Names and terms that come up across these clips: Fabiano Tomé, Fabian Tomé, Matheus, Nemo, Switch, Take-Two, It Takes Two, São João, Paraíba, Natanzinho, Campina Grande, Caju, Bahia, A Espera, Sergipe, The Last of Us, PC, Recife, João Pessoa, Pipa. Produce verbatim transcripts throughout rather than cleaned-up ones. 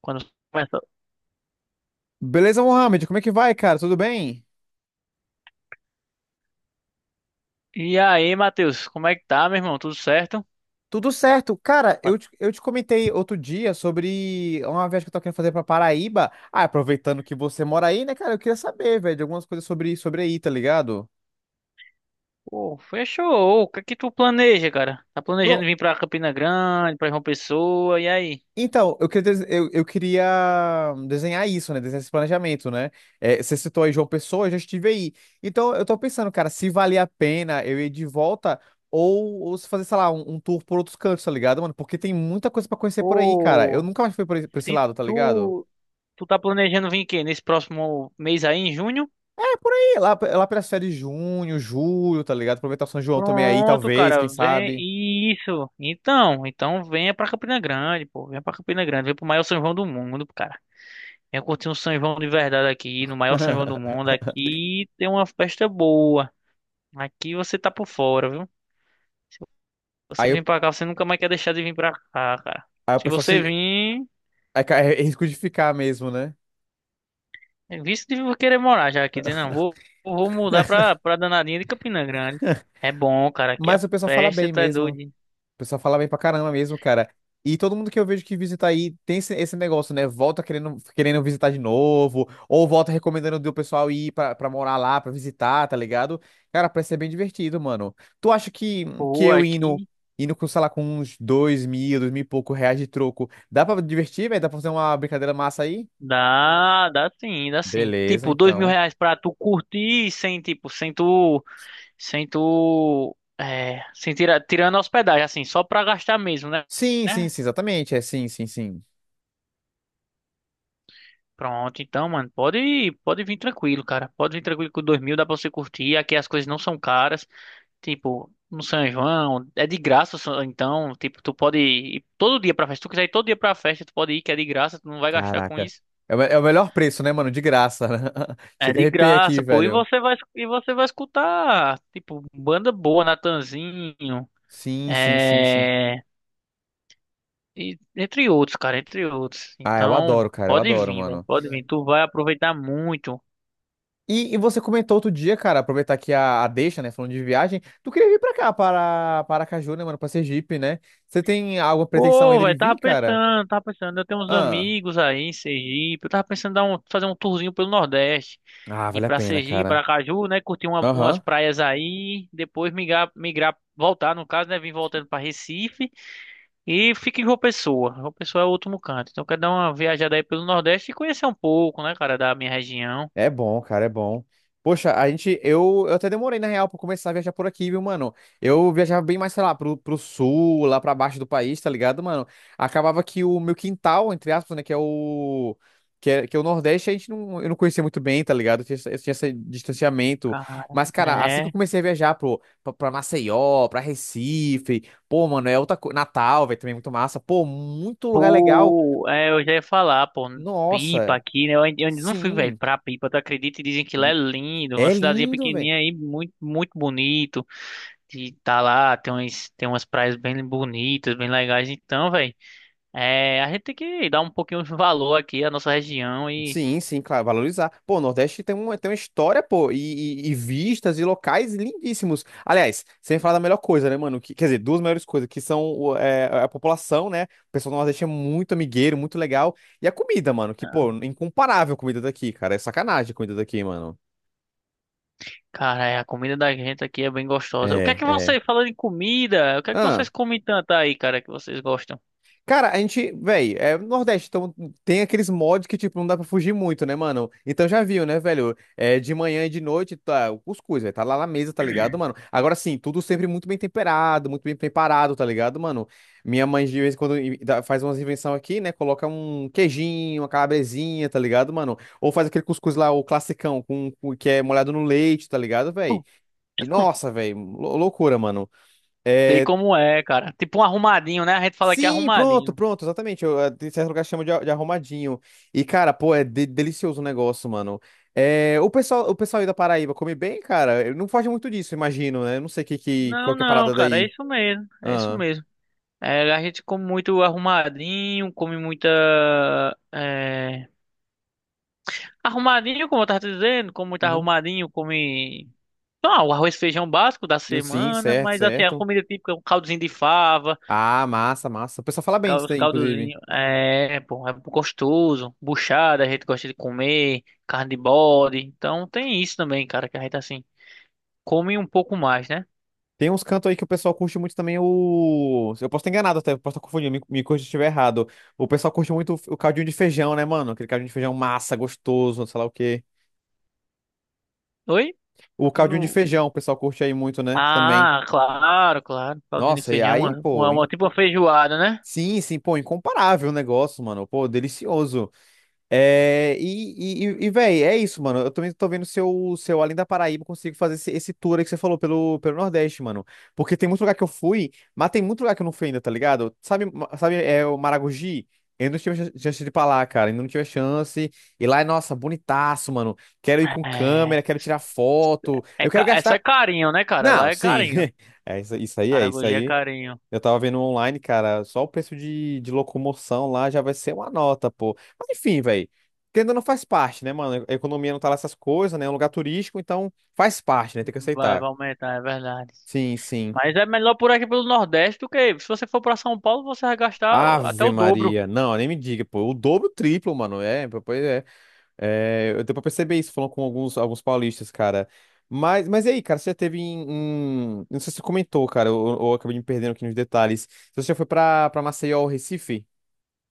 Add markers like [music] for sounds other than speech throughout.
Quando começa. Beleza, Mohamed? Como é que vai, cara? Tudo bem? E aí, Matheus, como é que tá, meu irmão? Tudo certo? Tudo certo. Cara, Ma- eu te, Eu te comentei outro dia sobre uma viagem que eu tô querendo fazer pra Paraíba. Ah, aproveitando que você mora aí, né, cara? Eu queria saber, velho, de algumas coisas sobre, sobre aí, tá ligado? Pô, fechou. O que é que tu planeja, cara? Tá planejando pro- vir pra Campina Grande, pra João Pessoa, e aí? Então, eu queria, des- eu, eu queria desenhar isso, né? Desenhar esse planejamento, né? É, você citou aí João Pessoa, eu já estive aí. Então, eu tô pensando, cara, se valia a pena eu ir de volta ou, ou se fazer, sei lá, um, um tour por outros cantos, tá ligado, mano? Porque tem muita coisa pra conhecer por aí, cara. Eu Pô, nunca mais fui por, esse por esse se lado, tá ligado? tu, tu tá planejando vir quê? Nesse próximo mês aí, em junho? É, por aí, lá, lá pelas férias de junho, julho, tá ligado? Aproveitar o São João também aí, Pronto, talvez, quem cara, vem. sabe. Isso. Então, então venha pra Campina Grande, pô. Venha pra Campina Grande, vem pro maior São João do mundo, cara. Venha curtir um São João de verdade aqui, no maior São João do [laughs] mundo. Aqui tem uma festa boa. Aqui você tá por fora, viu? Você Aí, vem o- pra cá, você nunca mais quer deixar de vir pra cá, cara. aí o Se pessoal você se. vir, É, ca- é risco de ficar mesmo, né? é visto de querer morar já aqui, dizendo, não, vou, vou mudar [laughs] pra, pra danadinha de Campina Grande. É bom, cara, aqui a Mas o pessoal fala festa bem tá mesmo. O doida. pessoal fala bem pra caramba mesmo, cara. E todo mundo que eu vejo que visita aí tem esse, esse negócio, né? Volta querendo, querendo visitar de novo, ou volta recomendando do pessoal ir pra, pra morar lá, pra visitar, tá ligado? Cara, parece ser bem divertido, mano. Tu acha que, que Pô, eu indo, aqui indo com, sei lá, com uns dois mil, dois mil e pouco reais de troco, dá pra divertir, velho? Dá pra fazer uma brincadeira massa aí? dá, dá sim, dá sim. Beleza, Tipo, dois mil então. reais pra tu curtir sem, tipo, sem tu, sem tu, é, sem tirar, tirando a hospedagem, assim, só pra gastar mesmo, né? Sim, sim, sim, exatamente. É sim, sim, sim. Pronto, então, mano, pode, pode vir tranquilo, cara. Pode vir tranquilo com dois mil, dá pra você curtir. Aqui as coisas não são caras. Tipo, no São João, é de graça, só- então, tipo, tu pode ir todo dia pra festa. Se tu quiser ir todo dia pra festa, tu pode ir, que é de graça, tu não vai gastar com Caraca. isso. É o, me- é o melhor preço, né, mano? De graça. Né? [laughs] É Chega a de arrepiar aqui, graça, pô. E velho. você vai, e você vai escutar, tipo, banda boa, Natanzinho, Sim, sim, sim, sim. é... e- entre outros, cara, entre outros. Ah, eu Então, adoro, cara, eu pode adoro, vir, velho, mano. pode vir. Tu vai aproveitar muito. E, e você comentou outro dia, cara, aproveitar aqui a, a deixa, né, falando de viagem, tu queria vir pra cá, para para Aracaju, né, mano, pra Sergipe, né? Você tem alguma pretensão Pô, ainda de velho, vir, tava cara? pensando, tava pensando, eu tenho uns Ah, amigos aí em Sergipe, eu tava pensando em dar um, fazer um tourzinho pelo Nordeste, ah, ir vale a pra pena, Sergipe, cara. pra Caju, né, curtir uma- umas Aham. praias aí, depois migrar, migrar, voltar, no caso, né, vir voltando pra Recife e fica em João Pessoa, João Pessoa é o último canto, então eu quero dar uma viajada aí pelo Nordeste e conhecer um pouco, né, cara, da minha região. É bom, cara, é bom. Poxa, a gente, eu, eu até demorei, na real, pra começar a viajar por aqui, viu, mano? Eu viajava bem mais, sei lá, pro, pro sul, lá pra baixo do país, tá ligado, mano? Acabava que o meu quintal, entre aspas, né, que é o. Que é, que é o Nordeste, a gente não, eu não conhecia muito bem, tá ligado? Eu tinha, essa- eu tinha esse distanciamento. Cara, Mas, cara, assim que eu é. comecei a viajar pro, pra, pra Maceió, pra Recife, pô, mano, é outra coisa. Natal, velho, também é muito massa. Pô, muito lugar legal. Pô, é, eu já ia falar, pô, Pipa Nossa, aqui, né? Eu ainda eu ainda não fui, velho, sim. pra Pipa, tu acredita? E dizem que lá é lindo, uma É cidadezinha lindo, velho. pequenininha aí, muito, muito bonito. E tá lá, tem umas, tem umas praias bem bonitas, bem legais. Então, velho, é, a gente tem que dar um pouquinho de valor aqui à nossa região e, Sim, sim, claro, valorizar. Pô, o Nordeste tem uma, tem uma história, pô, e, e- e vistas e locais lindíssimos. Aliás, sem falar da melhor coisa, né, mano? Que- quer dizer, duas melhores coisas, que são o- é, é, a população, né? O pessoal do Nordeste é muito amigueiro, muito legal. E a comida, mano, que, pô, incomparável a comida daqui, cara. É sacanagem a comida daqui, mano. cara, é, a comida da gente aqui é bem gostosa. O que é É, que é. vocês, falando em comida, o que é que Ah. vocês comem tanto aí, cara, que vocês gostam? Cara, a gente, velho, é Nordeste, então tem aqueles mods que, tipo, não dá pra fugir muito, né, mano? Então já viu, né, velho? É, de manhã e de noite, tá, o cuscuz, velho, tá lá na mesa, tá ligado, mano? Agora sim, tudo sempre muito bem temperado, muito bem preparado, tá ligado, mano? Minha mãe, de vez em quando, i- dá- faz umas invenções aqui, né? Coloca um queijinho, uma calabresinha, tá ligado, mano? Ou faz aquele cuscuz lá, o classicão, com, com- que é molhado no leite, tá ligado, velho? E nossa, velho, loucura, mano. Sei É, como é, cara. Tipo um arrumadinho, né? A gente fala que é sim, pronto, arrumadinho. pronto, exatamente. Eu, eh, em certo lugar chama de, a- de arrumadinho. E, cara, pô, é de- delicioso o negócio, mano. É, o pessoal, o pessoal aí da Paraíba come bem, cara. Eu Não foge muito disso, imagino, né? Eu Não sei que, que, qual Não, que é a não, parada cara, é daí. isso mesmo, é isso Ah, mesmo. É, a gente come muito arrumadinho, come muita. É, arrumadinho, como eu tava te dizendo, come muito uhum. arrumadinho, come. Ah, o arroz e feijão básico da Sim, semana, certo, mas assim, a certo. comida típica é um caldozinho de fava, Ah, massa, massa. O pessoal fala bem cal- disso os daí, inclusive. caldozinhos, é, pô, é gostoso, buchada, a gente gosta de comer, carne de bode, então tem isso também, cara, que a gente assim, come um pouco mais, né? Tem uns cantos aí que o pessoal curte muito também o. Eu posso estar enganado até, eu posso estar confundindo, me, me corrija se estiver errado. O pessoal curte muito o, o caldinho de feijão, né, mano? Aquele caldinho de feijão massa, gostoso, sei lá o quê. Oi? O caldinho de feijão, o pessoal curte aí muito, né? Também. Ah, claro, claro. Caldinho de Nossa, e feijão, aí, uma, pô, uma, in- uma- tipo uma feijoada, né? sim, sim, pô, incomparável o negócio, mano. Pô, delicioso. É, e, e, e véi, é isso, mano. Eu também tô vendo se eu, se eu, além da Paraíba, consigo fazer esse, esse tour aí que você falou pelo, pelo Nordeste, mano. Porque tem muito lugar que eu fui, mas tem muito lugar que eu não fui ainda, tá ligado? Sabe, ma- sabe, é o Maragogi? Eu não tive ch- chance de ir pra lá, cara. Ainda não tive chance. E lá é, nossa, bonitaço, mano. Quero ir com É, câmera, quero tirar foto. é, Eu quero ca- é só gastar. carinho, né, cara? Não, Lá é sim. carinho. [laughs] É, isso, isso aí é, isso Aragogi é aí. carinho. Eu tava vendo online, cara, só o preço de, de locomoção lá já vai ser uma nota, pô. Mas enfim, velho. Ainda não faz parte, né, mano? A economia não tá lá essas coisas, né? É um lugar turístico, então faz parte, né? Tem que Vai, aceitar. vai aumentar, é verdade. Sim, sim. Mas é melhor por aqui pelo Nordeste do que se você for pra São Paulo, você vai gastar até Ave o dobro. Maria. Não, nem me diga, pô. O dobro, o triplo, mano. É, pois é. É, eu deu pra perceber isso falando com alguns, alguns paulistas, cara. Mas, mas e aí, cara, você já teve em, em- Não sei se você comentou, cara, ou, ou eu acabei me perdendo aqui nos detalhes. Você já foi pra, pra Maceió ou Recife?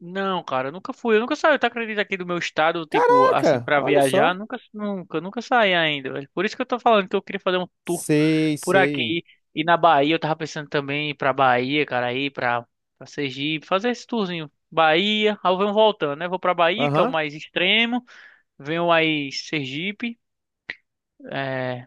Não, cara, eu nunca fui. Eu nunca saí, tu acredita, aqui do meu estado, tipo, assim, Caraca, pra olha viajar? só. Nunca, nunca, nunca saí ainda, velho. Por isso que eu tô falando que eu queria fazer um tour Sei, por sei. aqui. E na Bahia, eu tava pensando também em ir pra Bahia, cara, aí pra, pra Sergipe, fazer esse tourzinho. Bahia, aí eu venho voltando, né? Vou pra Bahia, que é o Aham. mais extremo. Venho aí Sergipe, é...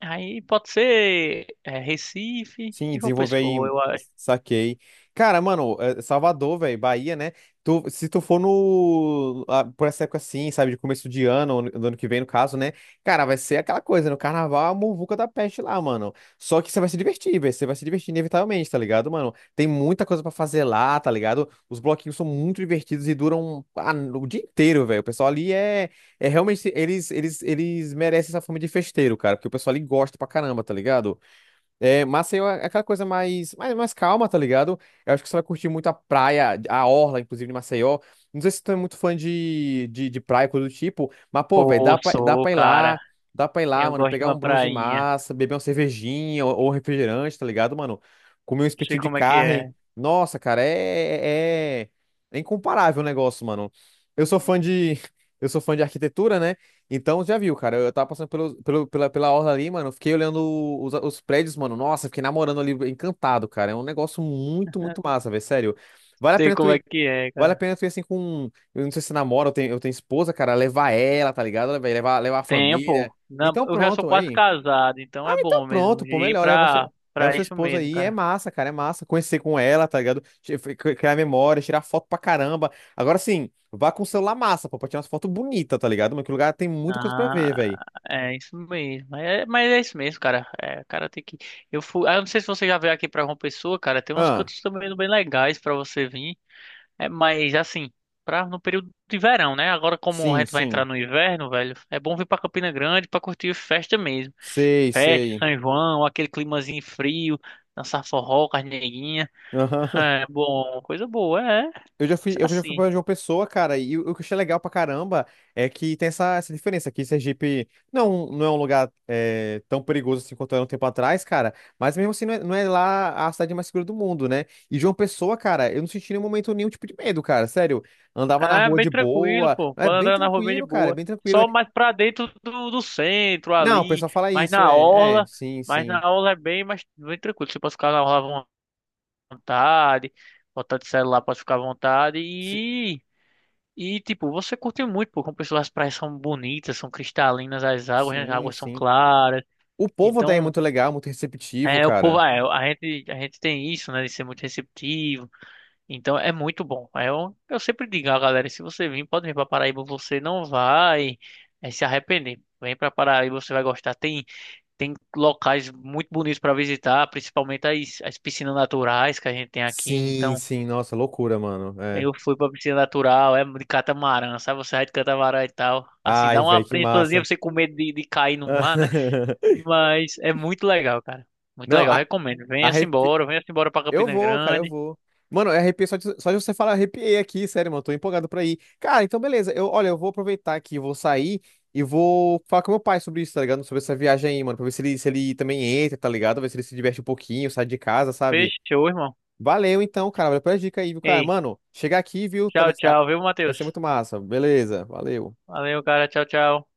aí pode ser é, Recife Sim, e João desenvolver Pessoa, em. eu acho. Saquei. Cara, mano, é, Salvador, velho, Bahia, né? Tu, se tu for no. ah, Por essa época assim, sabe, de começo de ano, ou no- do ano que vem, no caso, né? Cara, vai ser aquela coisa, no carnaval, é a muvuca da peste lá, mano. Só que você vai se divertir, velho. Você vai se divertir inevitavelmente, tá ligado, mano? Tem muita coisa pra fazer lá, tá ligado? Os bloquinhos são muito divertidos e duram ah, o dia inteiro, velho. O pessoal ali é. É realmente. Eles, eles, eles merecem essa fama de festeiro, cara, porque o pessoal ali gosta pra caramba, tá ligado? É, Maceió é aquela coisa mais, mais, mais calma, tá ligado? Eu acho que você vai curtir muito a praia, a orla, inclusive, de Maceió. Não sei se tu é muito fã de, de, de praia, coisa do tipo, mas, pô, velho, dá Pô, pra, dá sou, pra ir lá, cara. dá pra ir lá, Eu mano, gosto de pegar uma um bronze prainha. massa, beber uma cervejinha ou, ou um refrigerante, tá ligado, mano? Comer um Não sei espetinho de como é que carne. é. Nossa, cara, é, é, é é incomparável o negócio, mano. Eu sou fã de, [laughs] eu sou fã de arquitetura, né? Então, já viu, cara. Eu tava passando pelo, pelo- pela, pela orla ali, mano. Fiquei olhando os, os prédios, mano. Nossa, fiquei namorando ali, encantado, cara. É um negócio muito, muito massa, velho. Sério. Vale a Sei pena tu como é ir. que é, Vale a cara. pena tu ir assim com. Eu não sei se namora, eu tenho, eu tenho esposa, cara. Levar ela, tá ligado? Velho? Levar, levar a Tempo. família. Não, Então, eu já sou pronto, quase aí. casado, então Ah, é então bom mesmo pronto, pô. ir Melhor, leva pra, sua, leva pra sua isso esposa mesmo, aí. É cara. massa, cara. É massa. Conhecer com ela, tá ligado? Che- Criar memória, tirar foto pra caramba. Agora sim, vá com o celular massa, pô, pra tirar umas fotos bonitas, tá ligado? Mas que lugar tem muita coisa pra ver, velho. Ah, é isso mesmo. Mas é, mas é isso mesmo, cara. É, cara, tem que. Eu fui. Ah, eu não sei se você já veio aqui pra João Pessoa, cara. Tem uns Ah, cantos também bem legais pra você vir. É, mas assim, pra, no período de verão, né? Agora, como a sim, gente vai entrar sim. no inverno, velho, é bom vir pra Campina Grande pra curtir festa mesmo. Sei, Festa, sei. São João, aquele climazinho frio, dançar forró, carneirinha. Aham. [laughs] É bom, coisa boa, é. Eu já fui, Isso. eu já fui Assim, pra João Pessoa, cara, e o o que eu achei legal pra caramba é que tem essa, essa diferença aqui. Sergipe não, não é um lugar é, tão perigoso assim quanto era um tempo atrás, cara, mas mesmo assim não é, não é lá a cidade mais segura do mundo, né? E João Pessoa, cara, eu não senti em nenhum momento nenhum tipo de medo, cara, sério. Andava na é rua bem de tranquilo, boa, pô. é Pode bem andar na rua bem de tranquilo, cara, é boa. bem tranquilo. é- Só mais pra dentro do, do centro Não, o ali, pessoal fala mas isso, na é, é, orla, sim, mas sim. na orla é bem mais bem tranquilo. Você pode ficar na orla à vontade, botar de celular, pode ficar à vontade Si- e e tipo, você curte muito, pô, como pessoas as praias são bonitas, são cristalinas as águas, né? As Sim, águas são sim. claras. O povo daí é Então, muito legal, muito receptivo, é, o povo, cara. é, a gente a gente tem isso, né, de ser muito receptivo. Então é muito bom. Eu, eu sempre digo a galera, se você vir, pode vir para Paraíba, você não vai eh, se arrepender. Vem para Paraíba, você vai gostar. Tem, tem locais muito bonitos para visitar, principalmente as, as piscinas naturais que a gente tem aqui. Sim, Então sim, nossa, loucura, mano. É. eu fui para piscina natural, é de catamarã, sabe? Você vai de catamarã e tal. Assim, Ai, dá uma velho, que apreensãozinha massa. você com medo de, de cair no mar, né? [laughs] Mas é muito legal, cara. Muito Não, legal, a, recomendo. Venha-se arrepi... embora, venha-se embora para eu Campina vou, cara, eu Grande. vou. Mano, eu arrepiei só de, só de você falar, arrepiei aqui, sério, mano, tô empolgado pra ir. Cara, então beleza, eu, olha, eu vou aproveitar aqui, vou sair e vou falar com meu pai sobre isso, tá ligado? Sobre essa viagem aí, mano, pra ver se ele, se ele também entra, tá ligado? Ver se ele se diverte um pouquinho, sai de casa, sabe? Fechou, irmão. Valeu então, cara. Valeu pela dica aí, viu, cara? Ei. Mano, chegar aqui, viu? Tchau, Talvez. ah, tchau, viu, vai ser Matheus? muito massa. Beleza, valeu. Valeu, cara. Tchau, tchau.